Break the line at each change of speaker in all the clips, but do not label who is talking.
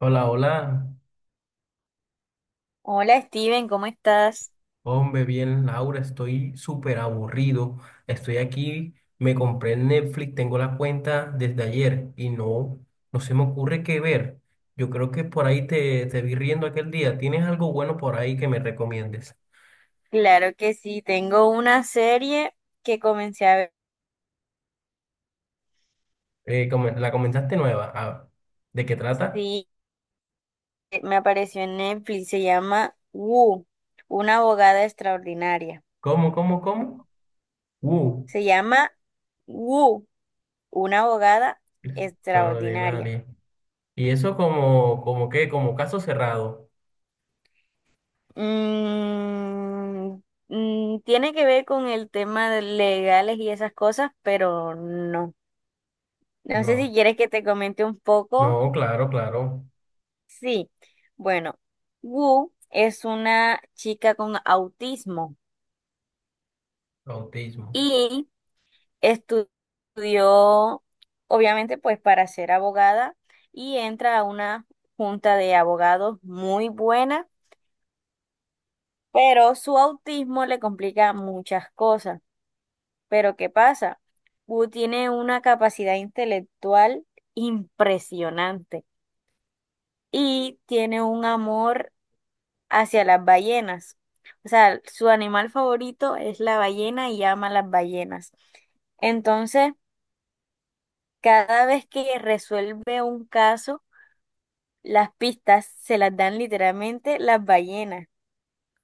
Hola, hola.
Hola Steven, ¿cómo estás?
Hombre, bien, Laura, estoy súper aburrido. Estoy aquí, me compré el Netflix, tengo la cuenta desde ayer y no, no se me ocurre qué ver. Yo creo que por ahí te vi riendo aquel día. ¿Tienes algo bueno por ahí que me recomiendes?
Claro que sí, tengo una serie que comencé a ver,
La comentaste nueva. Ah, ¿de qué trata?
sí, me apareció en Netflix, se llama Wu, una abogada extraordinaria.
¿Cómo, cómo, cómo? Uh,
Se llama Wu, una abogada extraordinaria.
Extraordinaria. ¿Y eso como, como qué? ¿Como caso cerrado?
Mm, tiene que ver con el tema de legales y esas cosas, pero no. No sé si
No,
quieres que te comente un poco.
no, claro, claro.
Sí, bueno, Wu es una chica con autismo
Autismo.
y estu- estudió, obviamente, pues para ser abogada y entra a una junta de abogados muy buena, pero su autismo le complica muchas cosas. Pero ¿qué pasa? Wu tiene una capacidad intelectual impresionante y tiene un amor hacia las ballenas. O sea, su animal favorito es la ballena y ama las ballenas. Entonces, cada vez que resuelve un caso, las pistas se las dan literalmente las ballenas.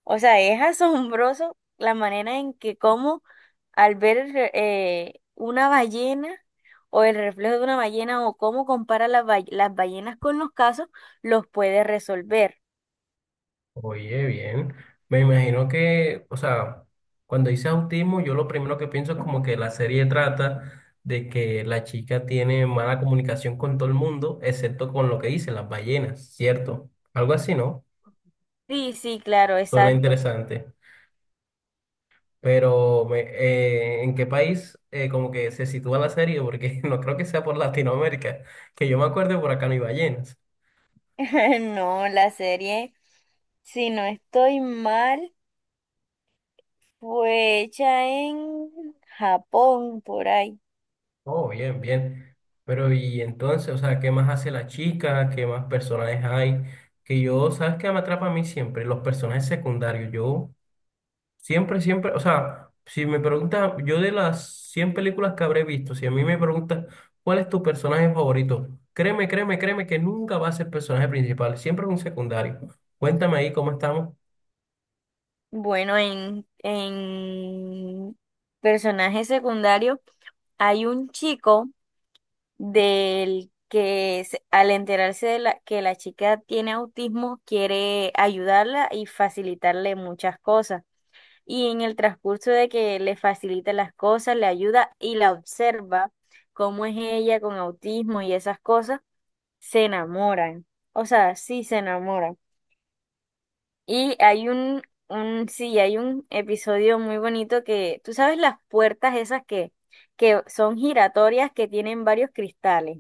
O sea, es asombroso la manera en que como al ver una ballena o el reflejo de una ballena o cómo compara las ballenas con los casos, los puede resolver.
Oye, bien. Me imagino que, o sea, cuando dice autismo, yo lo primero que pienso es como que la serie trata de que la chica tiene mala comunicación con todo el mundo, excepto con lo que dicen las ballenas, ¿cierto? Algo así, ¿no?
Sí, sí, claro,
Suena
exacto.
interesante. Pero, ¿en qué país como que se sitúa la serie? Porque no creo que sea por Latinoamérica. Que yo me acuerde, por acá no hay ballenas.
No, la serie, si no estoy mal, fue hecha en Japón, por ahí.
Oh, bien, bien. Pero y entonces, o sea, ¿qué más hace la chica? ¿Qué más personajes hay? Que yo, ¿sabes qué me atrapa a mí siempre? Los personajes secundarios. Yo siempre, siempre, o sea, si me preguntas, yo de las 100 películas que habré visto, si a mí me preguntas, ¿cuál es tu personaje favorito? Créeme, créeme, créeme que nunca va a ser personaje principal, siempre es un secundario. Cuéntame ahí cómo estamos.
Bueno, en personaje secundario hay un chico al enterarse que la chica tiene autismo, quiere ayudarla y facilitarle muchas cosas. Y en el transcurso de que le facilita las cosas, le ayuda y la observa cómo es ella con autismo y esas cosas, se enamoran. O sea, sí se enamoran. Y hay sí, hay un episodio muy bonito que, tú sabes las puertas esas que son giratorias que tienen varios cristales.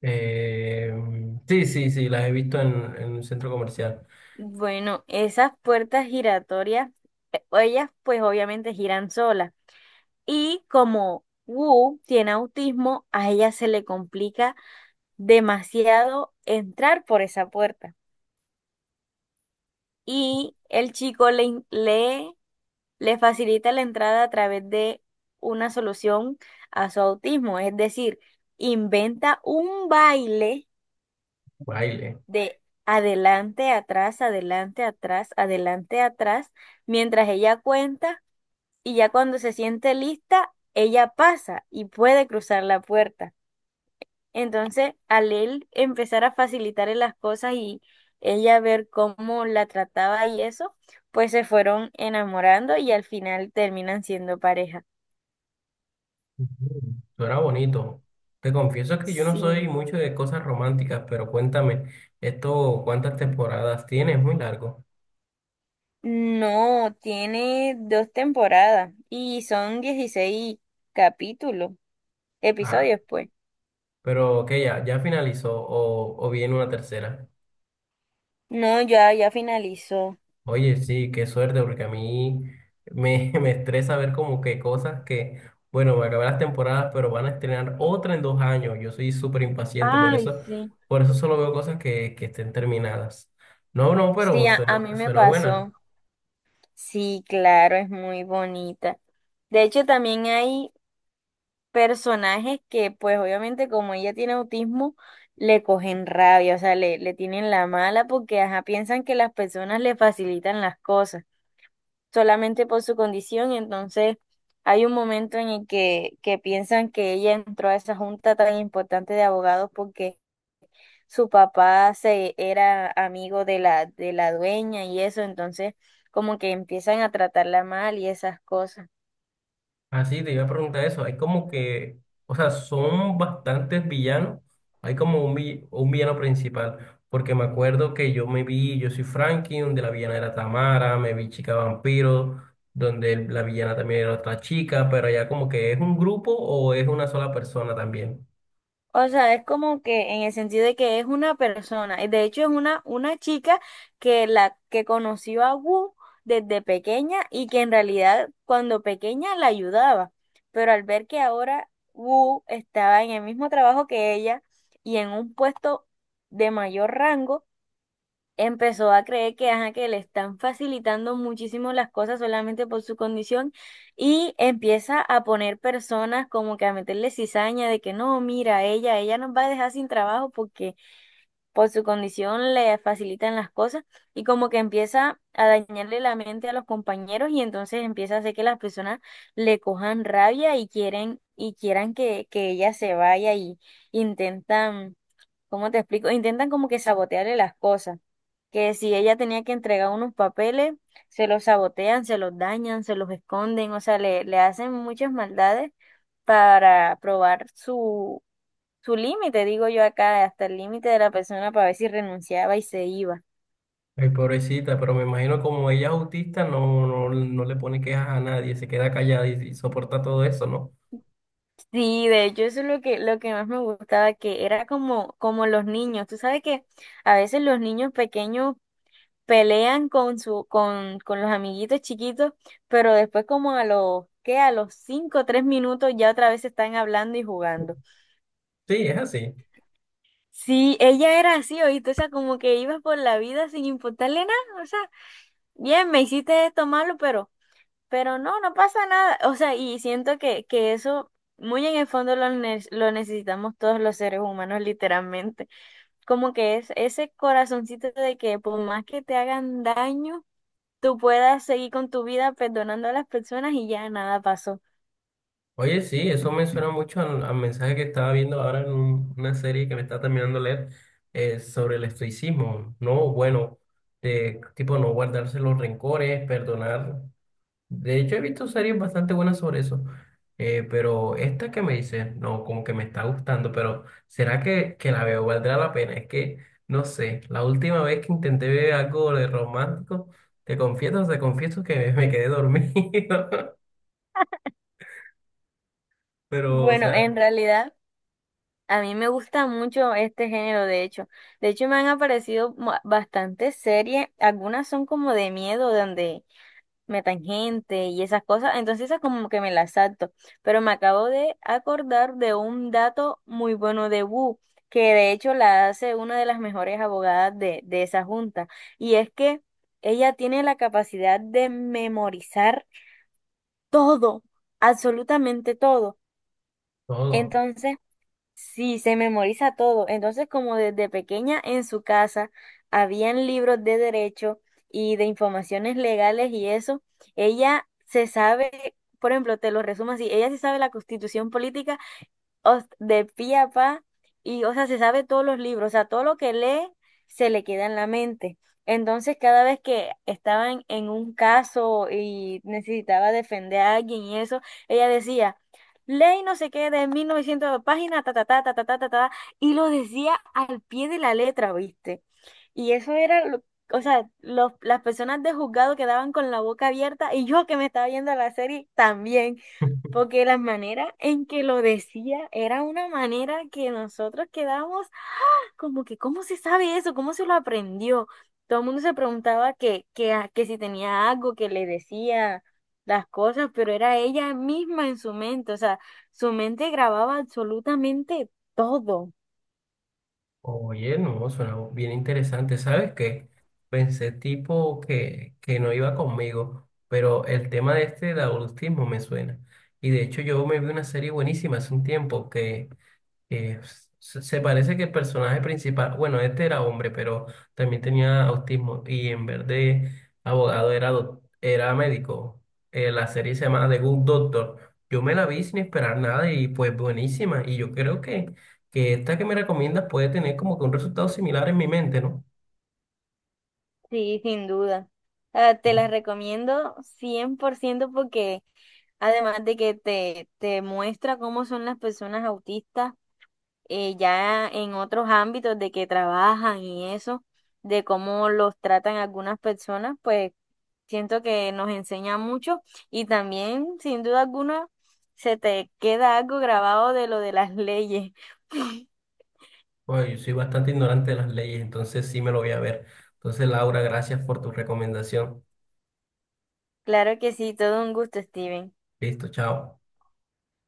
Eh, sí, sí, sí, las he visto en un centro comercial.
Bueno, esas puertas giratorias, ellas pues obviamente giran solas. Y como Wu tiene autismo, a ella se le complica demasiado entrar por esa puerta. Y el chico le facilita la entrada a través de una solución a su autismo. Es decir, inventa un baile
Baile.
de adelante, atrás, adelante, atrás, adelante, atrás, mientras ella cuenta y ya cuando se siente lista, ella pasa y puede cruzar la puerta. Entonces, al él empezar a facilitarle las cosas y ella ver cómo la trataba y eso, pues se fueron enamorando y al final terminan siendo pareja.
Mm, suena bonito. Te confieso que yo no
Sí.
soy mucho de cosas románticas, pero cuéntame, ¿esto cuántas temporadas tiene? Es muy largo.
No, tiene dos temporadas y son 16 capítulos,
Ah,
episodios, pues.
pero que ya, ya finalizó o viene una tercera.
No, ya, ya finalizó.
Oye, sí, qué suerte, porque a mí me, me estresa ver como que cosas que, bueno, me acabé las temporadas, pero van a estrenar otra en 2 años. Yo soy súper impaciente,
Ay, sí.
por eso solo veo cosas que estén terminadas. No, no,
Sí,
pero
a mí
suena,
me
suena buena.
pasó. Sí, claro, es muy bonita. De hecho, también hay personajes que pues obviamente como ella tiene autismo le cogen rabia, o sea, le tienen la mala porque ajá, piensan que las personas le facilitan las cosas solamente por su condición, entonces hay un momento en el que piensan que ella entró a esa junta tan importante de abogados porque su papá se era amigo de la dueña y eso, entonces como que empiezan a tratarla mal y esas cosas.
Así te iba a preguntar eso. Hay como que, o sea, son bastantes villanos. Hay como un villano principal. Porque me acuerdo que yo me vi, yo soy Frankie, donde la villana era Tamara, me vi Chica Vampiro, donde la villana también era otra chica, pero ya como que es un grupo o es una sola persona también.
O sea, es como que en el sentido de que es una persona, y de hecho es una chica que la que conoció a Wu desde pequeña y que en realidad cuando pequeña la ayudaba, pero al ver que ahora Wu estaba en el mismo trabajo que ella y en un puesto de mayor rango, empezó a creer que, ajá, que le están facilitando muchísimo las cosas solamente por su condición y empieza a poner personas como que a meterle cizaña de que no, mira, ella nos va a dejar sin trabajo porque por su condición le facilitan las cosas y como que empieza a dañarle la mente a los compañeros y entonces empieza a hacer que las personas le cojan rabia y quieren y quieran que ella se vaya y intentan, ¿cómo te explico? Intentan como que sabotearle las cosas que si ella tenía que entregar unos papeles, se los sabotean, se los dañan, se los esconden, o sea, le hacen muchas maldades para probar su límite, digo yo acá, hasta el límite de la persona para ver si renunciaba y se iba.
Ay, pobrecita, pero me imagino como ella es autista, no, no, no le pone quejas a nadie, se queda callada y soporta todo eso, ¿no?
Sí, de hecho eso es lo que más me gustaba, que era como los niños, tú sabes que a veces los niños pequeños pelean con los amiguitos chiquitos, pero después como a los, ¿qué? A los 5 o 3 minutos ya otra vez están hablando y jugando.
Sí, es así.
Sí, ella era así, oíste, o sea, como que ibas por la vida sin importarle nada, o sea, bien, me hiciste esto malo, pero, no, no pasa nada, o sea, y siento que eso muy en el fondo lo necesitamos todos los seres humanos, literalmente, como que es ese corazoncito de que por más que te hagan daño, tú puedas seguir con tu vida perdonando a las personas y ya nada pasó.
Oye, sí, eso me suena mucho al, al mensaje que estaba viendo ahora en una serie que me está terminando de leer sobre el estoicismo. No, bueno, de, tipo no guardarse los rencores, perdonar. De hecho, he visto series bastante buenas sobre eso, pero esta que me dice, no, como que me está gustando, pero ¿será que la veo? ¿Valdrá la pena? Es que, no sé, la última vez que intenté ver algo de romántico, te confieso que me quedé dormido, pero, o
Bueno, en
sea,
realidad a mí me gusta mucho este género, de hecho. De hecho me han aparecido bastantes series, algunas son como de miedo, donde metan gente y esas cosas, entonces esas como que me las salto. Pero me acabo de acordar de un dato muy bueno de Wu, que de hecho la hace una de las mejores abogadas de esa junta, y es que ella tiene la capacidad de memorizar todo, absolutamente todo.
todo.
Entonces, sí, se memoriza todo. Entonces, como desde pequeña en su casa habían libros de derecho y de informaciones legales y eso, ella se sabe, por ejemplo, te lo resumo así, ella se sabe la constitución política de pi a pa, y o sea, se sabe todos los libros, o sea, todo lo que lee se le queda en la mente. Entonces, cada vez que estaban en un caso y necesitaba defender a alguien y eso, ella decía, ley no sé qué de 1900 páginas, ta, ta, ta, ta, ta, ta, ta, ta, y lo decía al pie de la letra, ¿viste? Y eso era lo- O sea, las personas de juzgado quedaban con la boca abierta y yo que me estaba viendo la serie también. Porque la manera en que lo decía era una manera que nosotros quedamos como que, ¿cómo se sabe eso? ¿Cómo se lo aprendió? Todo el mundo se preguntaba que si tenía algo que le decía las cosas, pero era ella misma en su mente. O sea, su mente grababa absolutamente todo.
Oye, no, suena bien interesante. ¿Sabes qué? Pensé tipo que no iba conmigo, pero el tema de este del autismo me suena. Y de hecho yo me vi una serie buenísima hace un tiempo que Eh, se parece que el personaje principal, bueno, este era hombre, pero también tenía autismo y en vez de abogado era, era médico. La serie se llama The Good Doctor. Yo me la vi sin esperar nada y pues buenísima. Y yo creo que esta que me recomiendas puede tener como que un resultado similar en mi mente, ¿no?
Sí, sin duda. Ah, te
Mm.
la recomiendo 100% porque además de que te muestra cómo son las personas autistas, ya en otros ámbitos de que trabajan y eso, de cómo los tratan algunas personas, pues siento que nos enseña mucho y también, sin duda alguna, se te queda algo grabado de lo de las leyes.
Bueno, yo soy bastante ignorante de las leyes, entonces sí me lo voy a ver. Entonces, Laura, gracias por tu recomendación.
Claro que sí, todo un gusto, Steven.
Listo, chao.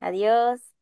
Adiós.